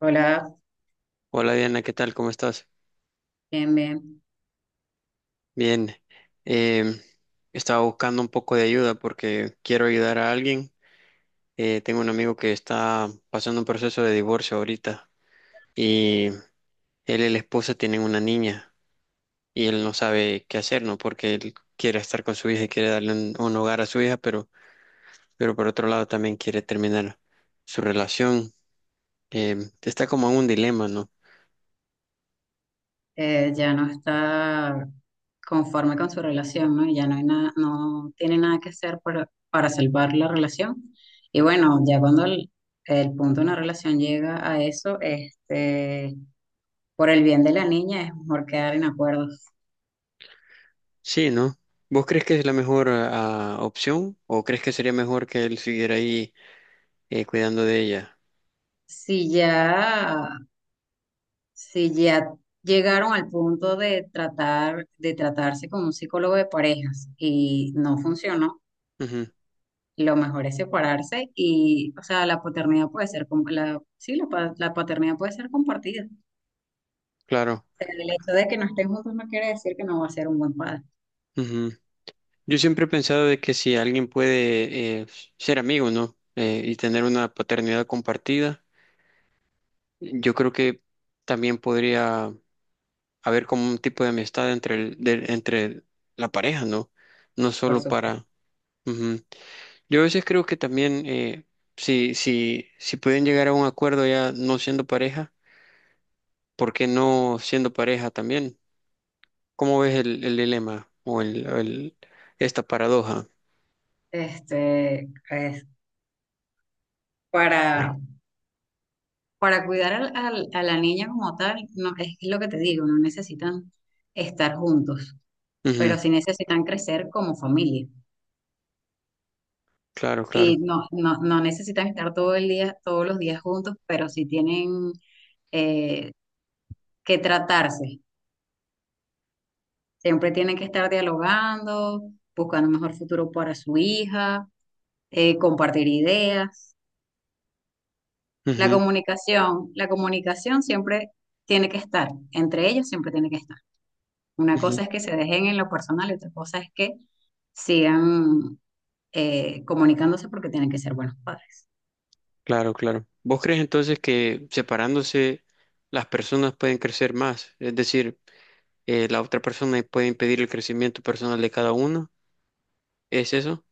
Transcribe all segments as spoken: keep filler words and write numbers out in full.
Hola, Hola Diana, ¿qué tal? ¿Cómo estás? bien, bien. Bien, em, estaba buscando un poco de ayuda porque quiero ayudar a alguien. Eh, tengo un amigo que está pasando un proceso de divorcio ahorita y él y la esposa tienen una niña, y él no sabe qué hacer, ¿no? Porque él quiere estar con su hija y quiere darle un, un hogar a su hija, pero, pero por otro lado también quiere terminar su relación. Em, está como en un dilema, ¿no? Eh, ya no está conforme con su relación, ¿no? Y ya no hay nada, no tiene nada que hacer para, para salvar la relación. Y bueno, ya cuando el, el punto de una relación llega a eso, este, por el bien de la niña es mejor quedar en acuerdos. Sí, ¿no? ¿Vos crees que es la mejor ah, opción o crees que sería mejor que él siguiera ahí, eh, cuidando de ella? Si ya, si ya llegaron al punto de tratar, de tratarse con un psicólogo de parejas y no funcionó, Ujú, lo mejor es separarse y, o sea, la paternidad puede ser, com- la, sí, la, pa- la paternidad puede ser compartida. O claro. sea, el hecho de que no estén juntos no quiere decir que no va a ser un buen padre, Ujú. Yo siempre he pensado de que si alguien puede eh, ser amigo, ¿no? Eh, y tener una paternidad compartida, yo creo que también podría haber como un tipo de amistad entre el, de- entre la pareja, ¿no? No por solo para... supuesto. Ujú. Yo a veces creo que también eh, si, si, si pueden llegar a un acuerdo ya no siendo pareja, ¿por qué no siendo pareja también? ¿Cómo ves el, el dilema o el, el- esta paradoja? Este, es para, para cuidar al- al- a la niña como tal, no, es lo que te digo, no necesitan estar juntos, Ujú, pero sí necesitan crecer como familia. claro, claro. Y no, no, no necesitan estar todo el día, todos los días juntos, pero sí tienen eh, que tratarse. Siempre tienen que estar dialogando, buscando un mejor futuro para su hija, eh, compartir ideas. La Ujú, comunicación, la comunicación siempre tiene que estar, entre ellos siempre tiene que estar. Una ujú, cosa es que se dejen en lo personal y otra cosa es que sigan eh, comunicándose porque tienen que ser buenos padres. claro, claro. ¿Vos crees entonces que separándose las personas pueden crecer más? Es decir, eh, la otra persona puede impedir el crecimiento personal de cada uno. ¿Es eso?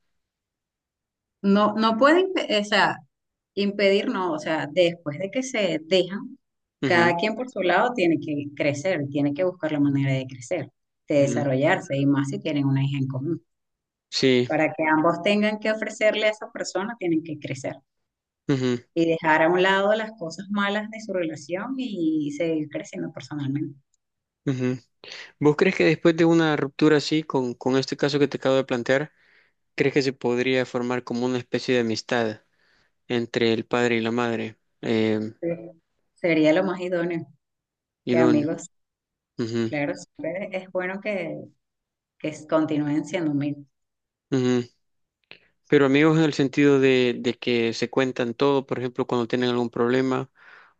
No, no pueden, o sea, impedir, no, o sea, después de que se dejan, Ujú, cada quien por su lado tiene que crecer, tiene que buscar la manera de crecer, de ujú, desarrollarse y más si tienen una hija en común. sí. Para que ambos tengan que ofrecerle a esa persona, tienen que crecer Ujú, y dejar a un lado las cosas malas de su relación y seguir creciendo personalmente. ujú. ¿Vos crees que después de una ruptura así, con, con este caso que te acabo de plantear, crees que se podría formar como una especie de amistad entre el padre y la madre? Eh, Sí. Sería lo más idóneo y que no. amigos, Ujú, claro, siempre es bueno que, que continúen siendo amigos. ujú. Pero amigos en el sentido de, de que se cuentan todo, por ejemplo, cuando tienen algún problema,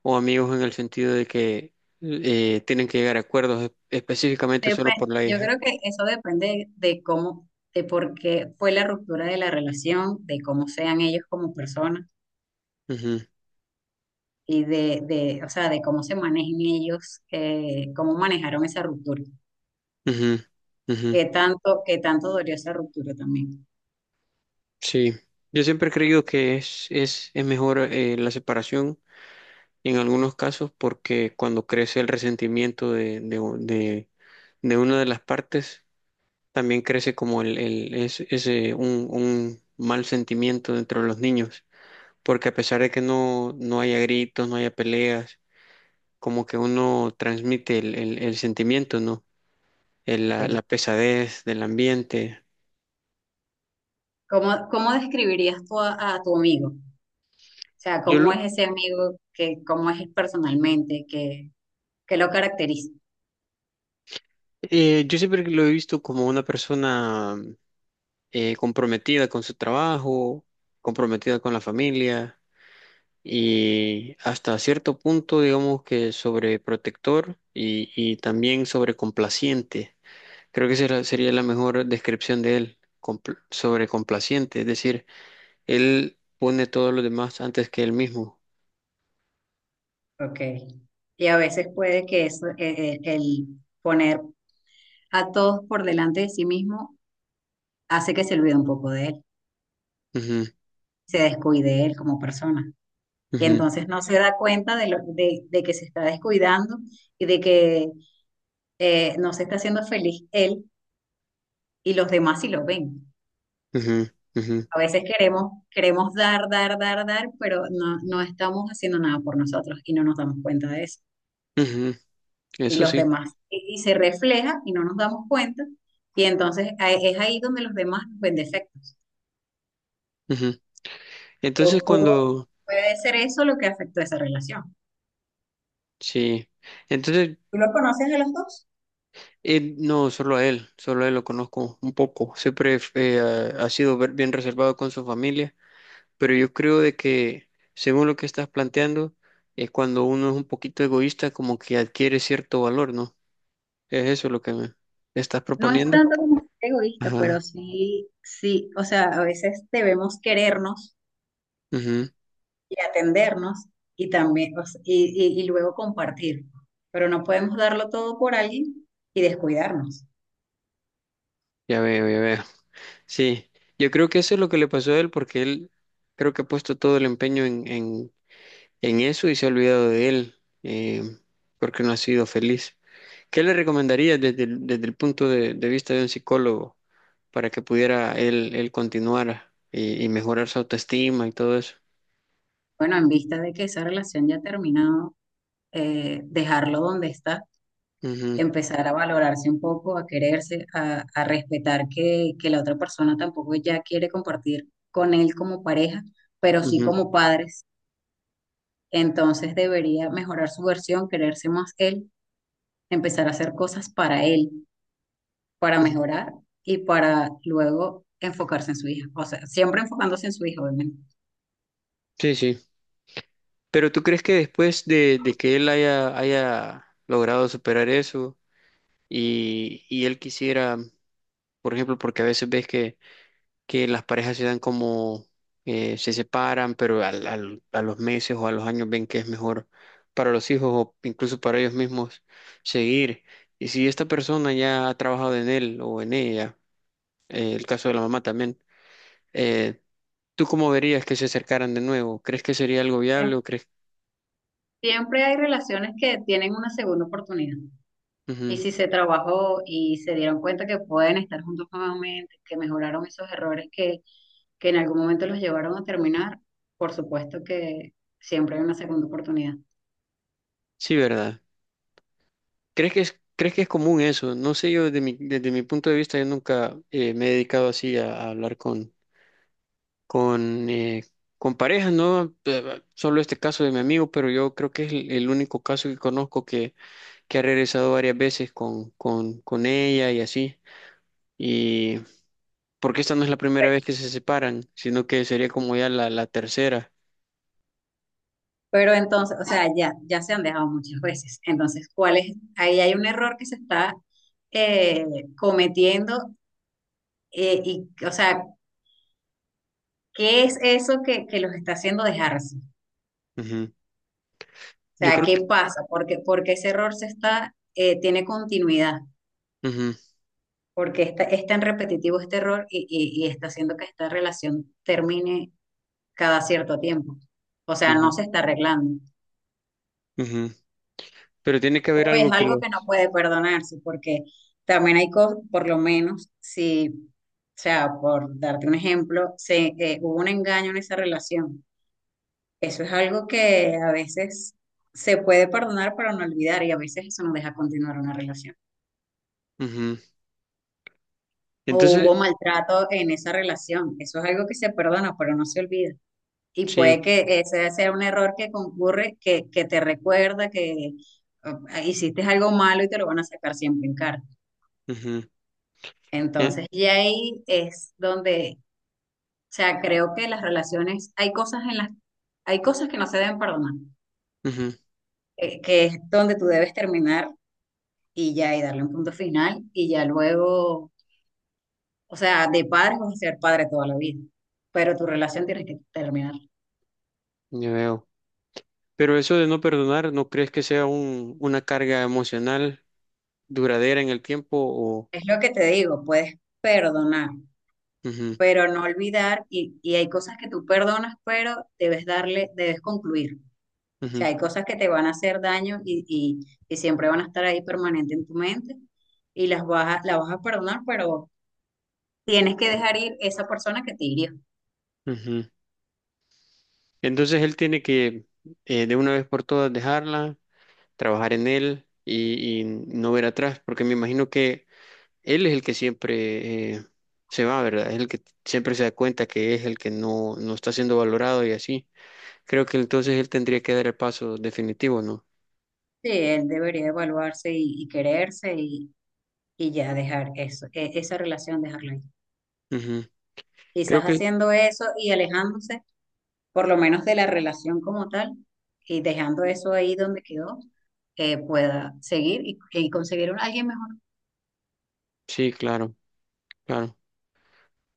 o amigos en el sentido de que eh, tienen que llegar a acuerdos es- específicamente Dep- solo por la Yo hija. creo que eso depende de cómo, de por qué fue la ruptura de la relación, de cómo sean ellos como personas Ujú, y de, de, o sea, de cómo se manejen ellos, eh, cómo manejaron esa ruptura, ujú, ujú. qué tanto, qué tanto dolió esa ruptura también. Sí, yo siempre he creído que es, es, es mejor eh, la separación en algunos casos porque cuando crece el resentimiento de, de, de, de una de las partes, también crece como el, el- es- ese, un, un mal sentimiento dentro de los niños, porque a pesar de que no, no haya gritos, no haya peleas, como que uno transmite el, el- el sentimiento, ¿no? El- la, Sí. la pesadez del ambiente. ¿Cómo, cómo describirías tú a, a tu amigo? O sea, Yo, ¿cómo lo- es ese amigo que, cómo es personalmente, que, que lo caracteriza? eh, yo siempre lo he visto como una persona eh, comprometida con su trabajo, comprometida con la familia. Y hasta cierto punto, digamos que sobreprotector y, y también sobrecomplaciente. Creo que será- sería la mejor descripción de él, compl- sobrecomplaciente, es decir, él pone todos los demás antes que él mismo. Ok. Y a veces puede que eso, eh, eh, el poner a todos por delante de sí mismo hace que se olvide un poco de él, Ujú, se descuide él como persona. Y ujú, entonces no se da cuenta de, lo, de, de que se está descuidando y de que eh, no se está haciendo feliz él y los demás sí lo ven. ujú, ujú, A veces queremos, queremos dar, dar, dar, dar, pero no, no estamos haciendo nada por nosotros y no nos damos cuenta de eso. ujú, Y eso los sí. demás, y, y se refleja y no nos damos cuenta. Y entonces a- es ahí donde los demás nos ven defectos. Ujú. Entonces O- o- cuando, Puede ser eso lo que afectó esa relación. sí, entonces ¿Tú lo conoces a los dos? eh, no, solo a él, solo a él lo conozco un poco. Siempre eh, ha ha sido ver- bien reservado con su familia, pero yo creo de que, según lo que estás planteando, es cuando uno es un poquito egoísta, como que adquiere cierto valor, ¿no? Es eso lo que me estás No es proponiendo. tanto como ser egoísta, Ajá. pero sí, sí, o sea, a veces debemos querernos Ujú, y atendernos y también, o sea, y, y- y luego compartir, pero no podemos darlo todo por alguien y descuidarnos. ya veo, ya veo. Sí, yo creo que eso es lo que le pasó a él porque él creo que ha puesto todo el empeño en, en, en eso y se ha olvidado de él, eh, porque no ha sido feliz. ¿Qué le recomendarías desde el, desde el punto de, de vista de un psicólogo para que pudiera él, él continuar y, y mejorar su autoestima y todo eso? Bueno, en vista de que esa relación ya ha terminado, eh, dejarlo donde está, Ujú, empezar a valorarse un poco, a quererse, a, a respetar que, que la otra persona tampoco ya quiere compartir con él como pareja, pero sí ujú, como padres. Entonces debería mejorar su versión, quererse más él, empezar a hacer cosas para él, para ujú. mejorar, y para luego enfocarse en su hija. O sea, siempre enfocándose en su hija, obviamente. Sí, sí. Pero ¿tú crees que después de, de que él haya, haya logrado superar eso, y, y él quisiera, por ejemplo, porque a veces ves que, que las parejas se dan como, eh, se separan, pero al, al- a los meses o a los años ven que es mejor para los hijos o incluso para ellos mismos seguir? Y si esta persona ya ha trabajado en él o en ella, eh, el caso de la mamá también, eh, ¿tú cómo verías que se acercaran de nuevo? ¿Crees que sería algo viable o crees? Siempre hay relaciones que tienen una segunda oportunidad. Y Ujú. si se trabajó y se dieron cuenta que pueden estar juntos nuevamente, que mejoraron esos errores que, que en algún momento los llevaron a terminar, por supuesto que siempre hay una segunda oportunidad. Sí, ¿verdad? ¿Crees que es, crees que es común eso? No sé, yo desde mi, desde mi punto de vista, yo nunca eh, me he dedicado así a, a hablar con, con, eh, con parejas, ¿no? Eh, solo este caso de mi amigo, pero yo creo que es el, el único caso que conozco que, que ha regresado varias veces con, con, con ella y así. Y porque esta no es la primera Pe- vez que se separan, sino que sería como ya la, la tercera. Pero entonces, o sea, ya, ya se han dejado muchas veces. Entonces, ¿cuál es? Ahí hay un error que se está eh, cometiendo, eh, y, o sea, ¿qué es eso que, que los está haciendo dejarse? O Ujú. Yo sea, creo ¿qué que... pasa? Porque, porque ese error se está, eh, tiene continuidad. ujú, Porque esta- es tan repetitivo este error y, y- y está haciendo que esta relación termine cada cierto tiempo. O sea, no ujú, se está arreglando. ujú. Pero tiene que haber O es algo que algo lo... que no puede perdonarse, porque también hay cosas, por lo menos, si, o sea, por darte un ejemplo, se, eh, hubo un engaño en esa relación. Eso es algo que a veces se puede perdonar para no olvidar y a veces eso nos deja continuar una relación. ujú. O Entonces, hubo maltrato en esa relación. Eso es algo que se perdona, pero no se olvida. Y sí. puede que ese sea un error que concurre, que, que te recuerda que uh, hiciste algo malo y te lo van a sacar siempre en cara. Ujú. E- Entonces, y ahí es donde, o sea, creo que las relaciones, hay cosas en las, hay cosas que no se deben perdonar, ujú, eh, que es donde tú debes terminar y ya, y darle un punto final, y ya luego, o sea, de padre vas a ser padre toda la vida, pero tu relación tienes que terminar. ya veo. Pero eso de no perdonar, ¿no crees que sea un, una carga emocional duradera en el tiempo? O... Es lo que te digo, puedes perdonar, Ujú, pero no olvidar y, y hay cosas que tú perdonas, pero debes darle, debes concluir. O ujú, sea, hay cosas que te van a hacer daño y, y, y siempre van a estar ahí permanente en tu mente y las vas a, las vas a perdonar, pero tienes que dejar ir esa persona que te hirió. ujú. Entonces él tiene que eh, de una vez por todas dejarla, trabajar en él y, y no ver atrás, porque me imagino que él es el que siempre eh, se va, ¿verdad? Es el que siempre se da cuenta que es el que no, no está siendo valorado y así. Creo que entonces él tendría que dar el paso definitivo, ¿no? Sí, él debería evaluarse y, y quererse y, y ya dejar eso, e- esa relación, dejarla ahí. Ujú. Quizás Creo que haciendo eso y alejándose, por lo menos de la relación como tal, y dejando eso ahí donde quedó, eh, pueda seguir y, y conseguir un alguien mejor. sí, claro, claro.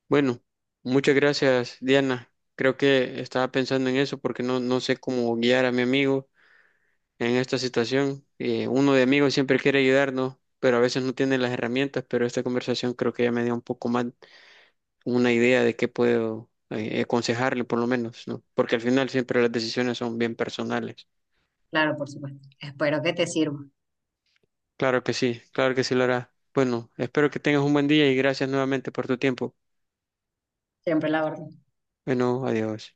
Bueno, muchas gracias, Diana. Creo que estaba pensando en eso porque no, no sé cómo guiar a mi amigo en esta situación. Eh, uno de amigos siempre quiere ayudarnos, pero a veces no tiene las herramientas, pero esta conversación creo que ya me dio un poco más una idea de qué puedo eh, aconsejarle por lo menos, ¿no? Porque al final siempre las decisiones son bien personales. Claro, por supuesto. Espero que te sirva. Claro que sí, claro que sí lo hará. Bueno, espero que tengas un buen día y gracias nuevamente por tu tiempo. Siempre la orden. Bueno, adiós.